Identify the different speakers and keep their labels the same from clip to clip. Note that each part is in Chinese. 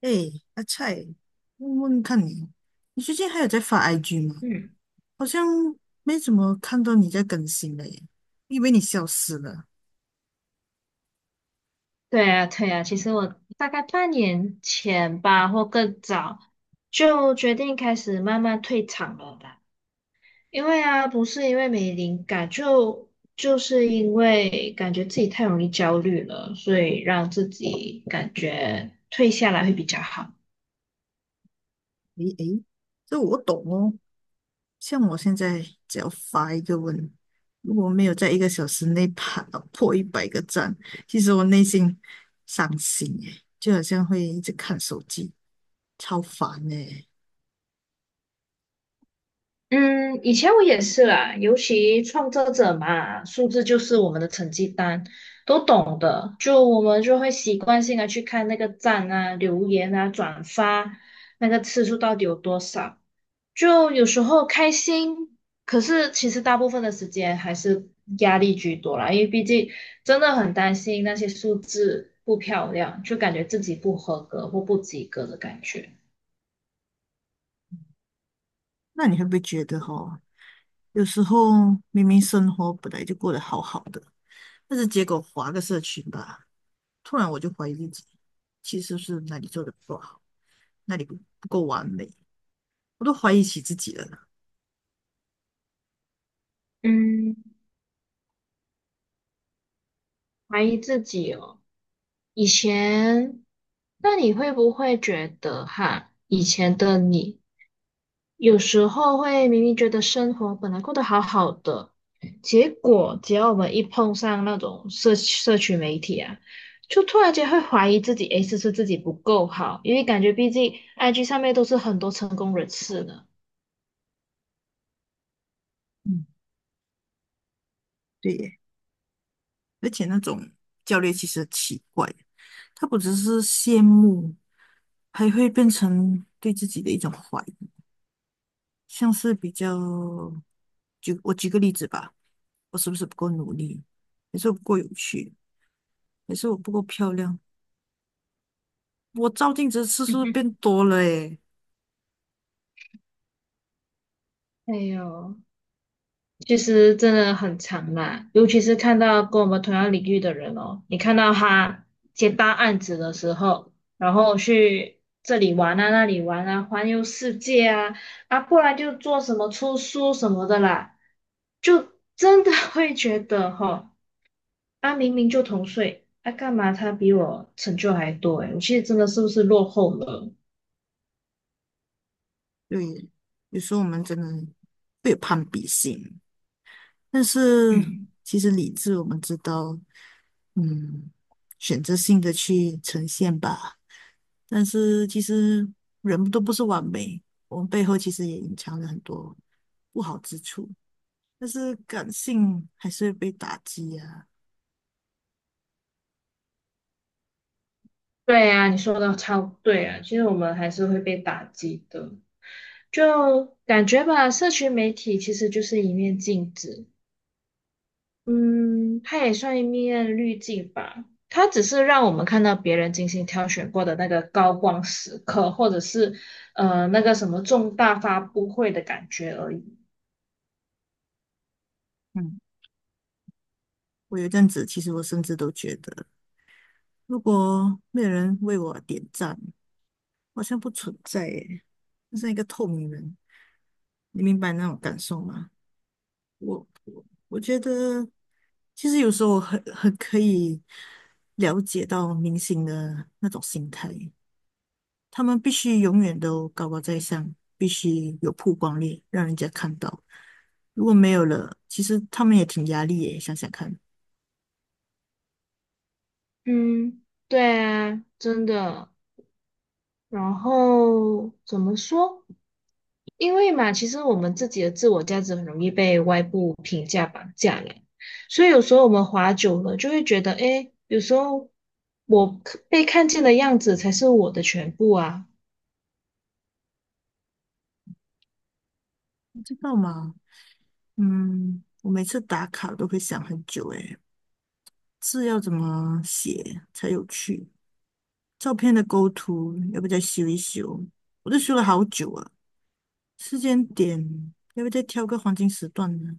Speaker 1: 哎，阿菜，问问看你，你最近还有在发 IG 吗？
Speaker 2: 嗯，
Speaker 1: 好像没怎么看到你在更新了耶，以为你消失了。
Speaker 2: 对啊，对啊，其实我大概半年前吧，或更早，就决定开始慢慢退场了吧。因为啊，不是因为没灵感，就是因为感觉自己太容易焦虑了，所以让自己感觉退下来会比较好。
Speaker 1: 诶诶，这我懂哦。像我现在只要发一个问，如果没有在1个小时内爬到破100个赞，其实我内心伤心耶，就好像会一直看手机，超烦耶。
Speaker 2: 嗯，以前我也是啦，尤其创作者嘛，数字就是我们的成绩单，都懂的。就我们就会习惯性的去看那个赞啊、留言啊、转发那个次数到底有多少。就有时候开心，可是其实大部分的时间还是压力居多啦，因为毕竟真的很担心那些数字不漂亮，就感觉自己不合格或不及格的感觉。
Speaker 1: 那你会不会觉得哦，有时候明明生活本来就过得好好的？但是结果划个社群吧，突然我就怀疑自己，其实是哪里做的不够好，哪里不够完美，我都怀疑起自己了呢。
Speaker 2: 嗯，怀疑自己哦。以前，那你会不会觉得哈，以前的你有时候会明明觉得生活本来过得好好的，结果只要我们一碰上那种社群媒体啊，就突然间会怀疑自己，诶，是不是自己不够好？因为感觉毕竟 IG 上面都是很多成功人士呢。
Speaker 1: 嗯，对耶，而且那种教练其实很奇怪，他不只是羡慕，还会变成对自己的一种怀疑，像是比较，我举个例子吧，我是不是不够努力，还是我不够有趣，还是我不够漂亮，我照镜子的次数变 多了诶。
Speaker 2: 哎呦。其实真的很长啦，尤其是看到跟我们同样领域的人哦，你看到他接大案子的时候，然后去这里玩啊，那里玩啊，环游世界啊，啊，不然就做什么出书什么的啦，就真的 会觉得哈、哦啊，明明就同岁，啊，干嘛他比我成就还多诶，我其实真的是不是落后了？
Speaker 1: 对，有时候我们真的会有攀比心，但是
Speaker 2: 嗯。
Speaker 1: 其实理智我们知道，嗯，选择性的去呈现吧。但是其实人都不是完美，我们背后其实也隐藏了很多不好之处。但是感性还是会被打击啊。
Speaker 2: 对啊，你说的超对啊，其实我们还是会被打击的，就感觉吧，社群媒体其实就是一面镜子，嗯，它也算一面滤镜吧，它只是让我们看到别人精心挑选过的那个高光时刻，或者是那个什么重大发布会的感觉而已。
Speaker 1: 嗯，我有一阵子，其实我甚至都觉得，如果没有人为我点赞，好像不存在耶，就像一个透明人，你明白那种感受吗？我觉得，其实有时候我很可以了解到明星的那种心态，他们必须永远都高高在上，必须有曝光率，让人家看到。如果没有了，其实他们也挺压力耶，想想看，
Speaker 2: 嗯，对啊，真的。然后怎么说？因为嘛，其实我们自己的自我价值很容易被外部评价绑架了，所以有时候我们滑久了就会觉得，诶，有时候我可被看见的样子才是我的全部啊。
Speaker 1: 你知道吗？嗯，我每次打卡都会想很久，诶，字要怎么写才有趣？照片的构图要不要再修一修？我都修了好久啊。时间点要不要再挑个黄金时段呢？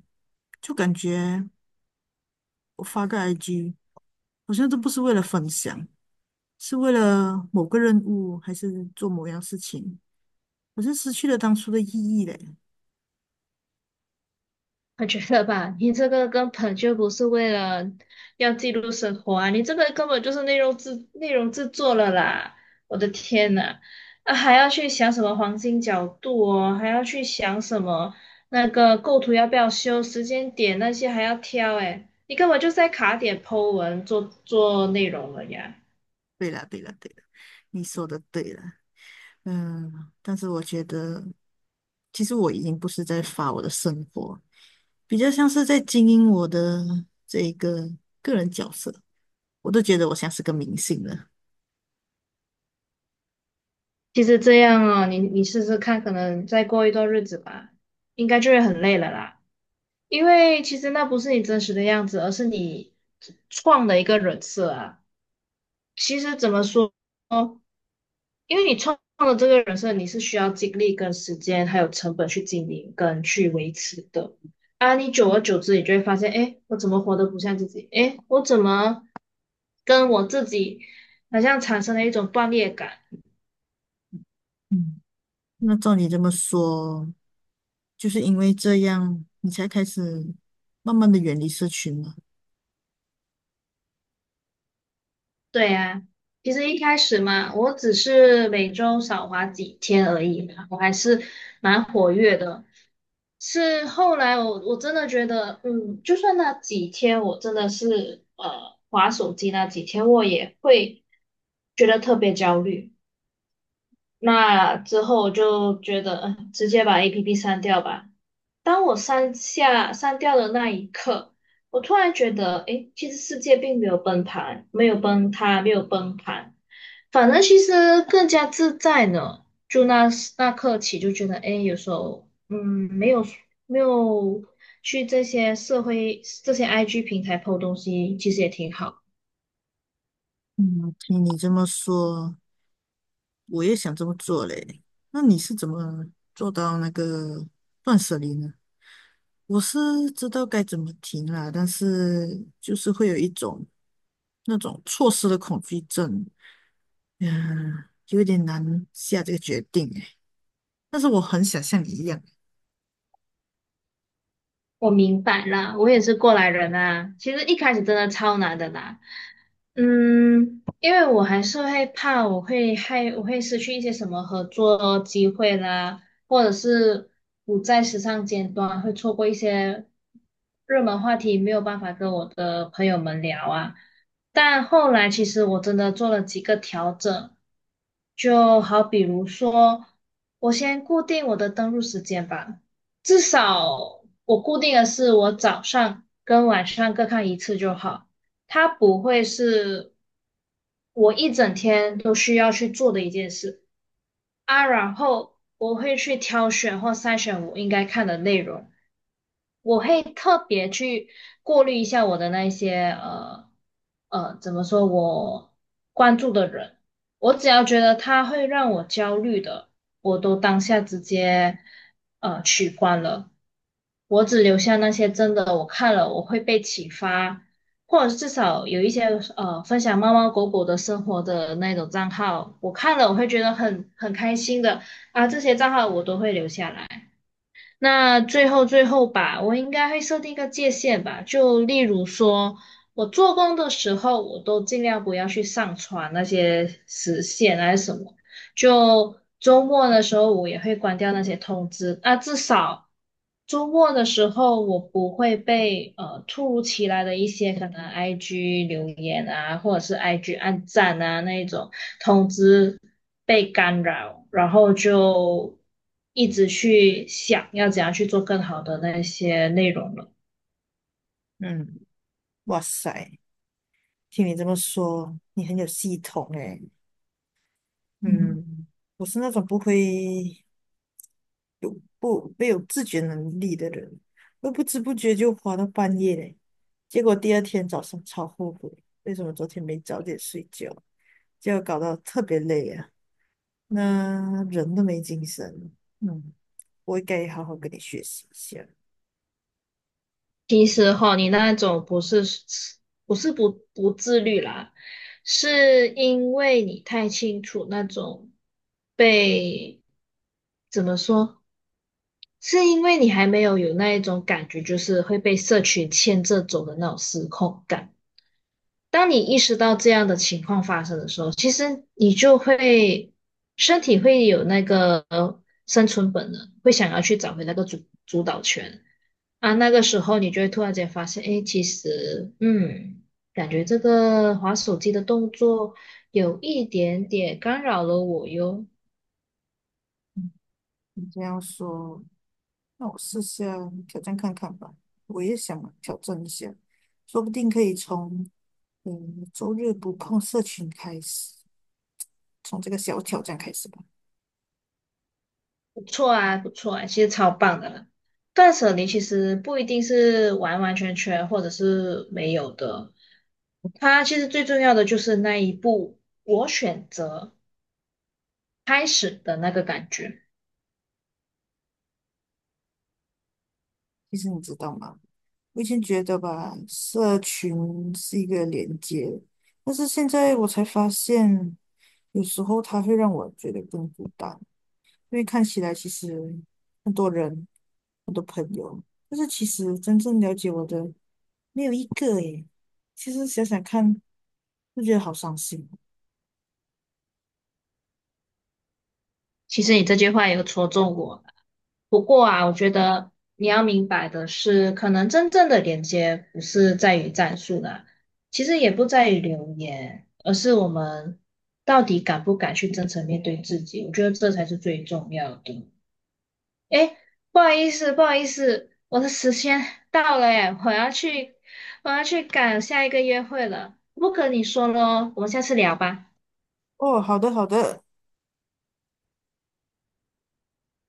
Speaker 1: 就感觉我发个 IG 好像都不是为了分享，是为了某个任务，还是做某样事情，好像失去了当初的意义嘞。
Speaker 2: 我觉得吧，你这个根本就不是为了要记录生活啊，你这个根本就是内容制作了啦！我的天呐，啊还要去想什么黄金角度哦，还要去想什么那个构图要不要修，时间点那些还要挑诶，你根本就是在卡点 po 文做内容了呀。
Speaker 1: 对了，对了，对了，你说的对了。嗯，但是我觉得，其实我已经不是在发我的生活，比较像是在经营我的这一个个人角色。我都觉得我像是个明星了。
Speaker 2: 其实这样哦，你试试看，可能再过一段日子吧，应该就会很累了啦。因为其实那不是你真实的样子，而是你创的一个人设啊。其实怎么说，因为你创的这个人设，你是需要精力跟时间还有成本去经营跟去维持的啊。你久而久之，你就会发现，哎，我怎么活得不像自己？哎，我怎么跟我自己好像产生了一种断裂感？
Speaker 1: 嗯，那照你这么说，就是因为这样，你才开始慢慢的远离社群嘛？
Speaker 2: 对啊，其实一开始嘛，我只是每周少滑几天而已嘛我还是蛮活跃的。是后来我真的觉得，嗯，就算那几天我真的是划手机那几天，我也会觉得特别焦虑。那之后我就觉得，嗯，直接把 APP 删掉吧。当我删掉的那一刻，我突然觉得，诶，其实世界并没有崩盘，没有崩塌，没有崩盘，反正其实更加自在呢。就那时那刻起，就觉得，诶，有时候，嗯，没有没有去这些社会这些 IG 平台 po 东西，其实也挺好。
Speaker 1: 嗯，听你这么说，我也想这么做嘞。那你是怎么做到那个断舍离呢？我是知道该怎么停啦，但是就是会有一种那种错失的恐惧症，嗯，有点难下这个决定诶。但是我很想像你一样，
Speaker 2: 我明白啦，我也是过来人啊。其实一开始真的超难的啦，嗯，因为我还是会怕，我会害，我会失去一些什么合作机会啦，或者是不在时尚尖端，会错过一些热门话题，没有办法跟我的朋友们聊啊。但后来其实我真的做了几个调整，就好比如说，我先固定我的登录时间吧。至少我固定的是我早上跟晚上各看一次就好，它不会是我一整天都需要去做的一件事。啊，然后我会去挑选或筛选我应该看的内容，我会特别去过滤一下我的那一些，怎么说我关注的人，我只要觉得他会让我焦虑的，我都当下直接取关了，我只留下那些真的我看了我会被启发。或者是至少有一些分享猫猫狗狗的生活的那种账号，我看了我会觉得很开心的啊，这些账号我都会留下来。那最后吧，我应该会设定一个界限吧，就例如说我做工的时候，我都尽量不要去上传那些时限啊还是什么。就周末的时候，我也会关掉那些通知。啊，至少周末的时候，我不会被突如其来的一些可能 IG 留言啊，或者是 IG 按赞啊那一种通知被干扰，然后就一直去想要怎样去做更好的那些内容了。
Speaker 1: 嗯，哇塞。听你这么说，你很有系统诶。
Speaker 2: 嗯。
Speaker 1: 嗯，我是那种不会有不没有自觉能力的人，会不知不觉就花到半夜嘞。结果第二天早上超后悔，为什么昨天没早点睡觉，结果搞到特别累啊，那人都没精神。嗯，我应该好好跟你学习一下。
Speaker 2: 其实哈，你那种不是不自律啦，是因为你太清楚那种被怎么说，是因为你还没有那一种感觉，就是会被社群牵着走的那种失控感。当你意识到这样的情况发生的时候，其实你就会身体会有那个生存本能，会想要去找回那个主导权。啊，那个时候你就会突然间发现，诶，其实，嗯，感觉这个划手机的动作有一点点干扰了我哟。
Speaker 1: 你这样说，那我试下挑战看看吧，我也想挑战一下，说不定可以从嗯周日不碰社群开始，从这个小挑战开始吧。
Speaker 2: 不错啊，不错啊，其实超棒的啦断舍离其实不一定是完完全全或者是没有的，它其实最重要的就是那一步，我选择开始的那个感觉。
Speaker 1: 其实你知道吗？我以前觉得吧，社群是一个连接，但是现在我才发现，有时候它会让我觉得更孤单，因为看起来其实很多人、很多朋友，但是其实真正了解我的。没有一个诶。其实想想看，就觉得好伤心。
Speaker 2: 其实你这句话也有戳中我，不过啊，我觉得你要明白的是，可能真正的连接不是在于战术啦，其实也不在于留言，而是我们到底敢不敢去真诚面对自己。我觉得这才是最重要的。诶，不好意思，不好意思，我的时间 到了，诶，我要去，我要去赶下一个约会了。不跟你说喽，我们下次聊吧。
Speaker 1: 哦，好的好的，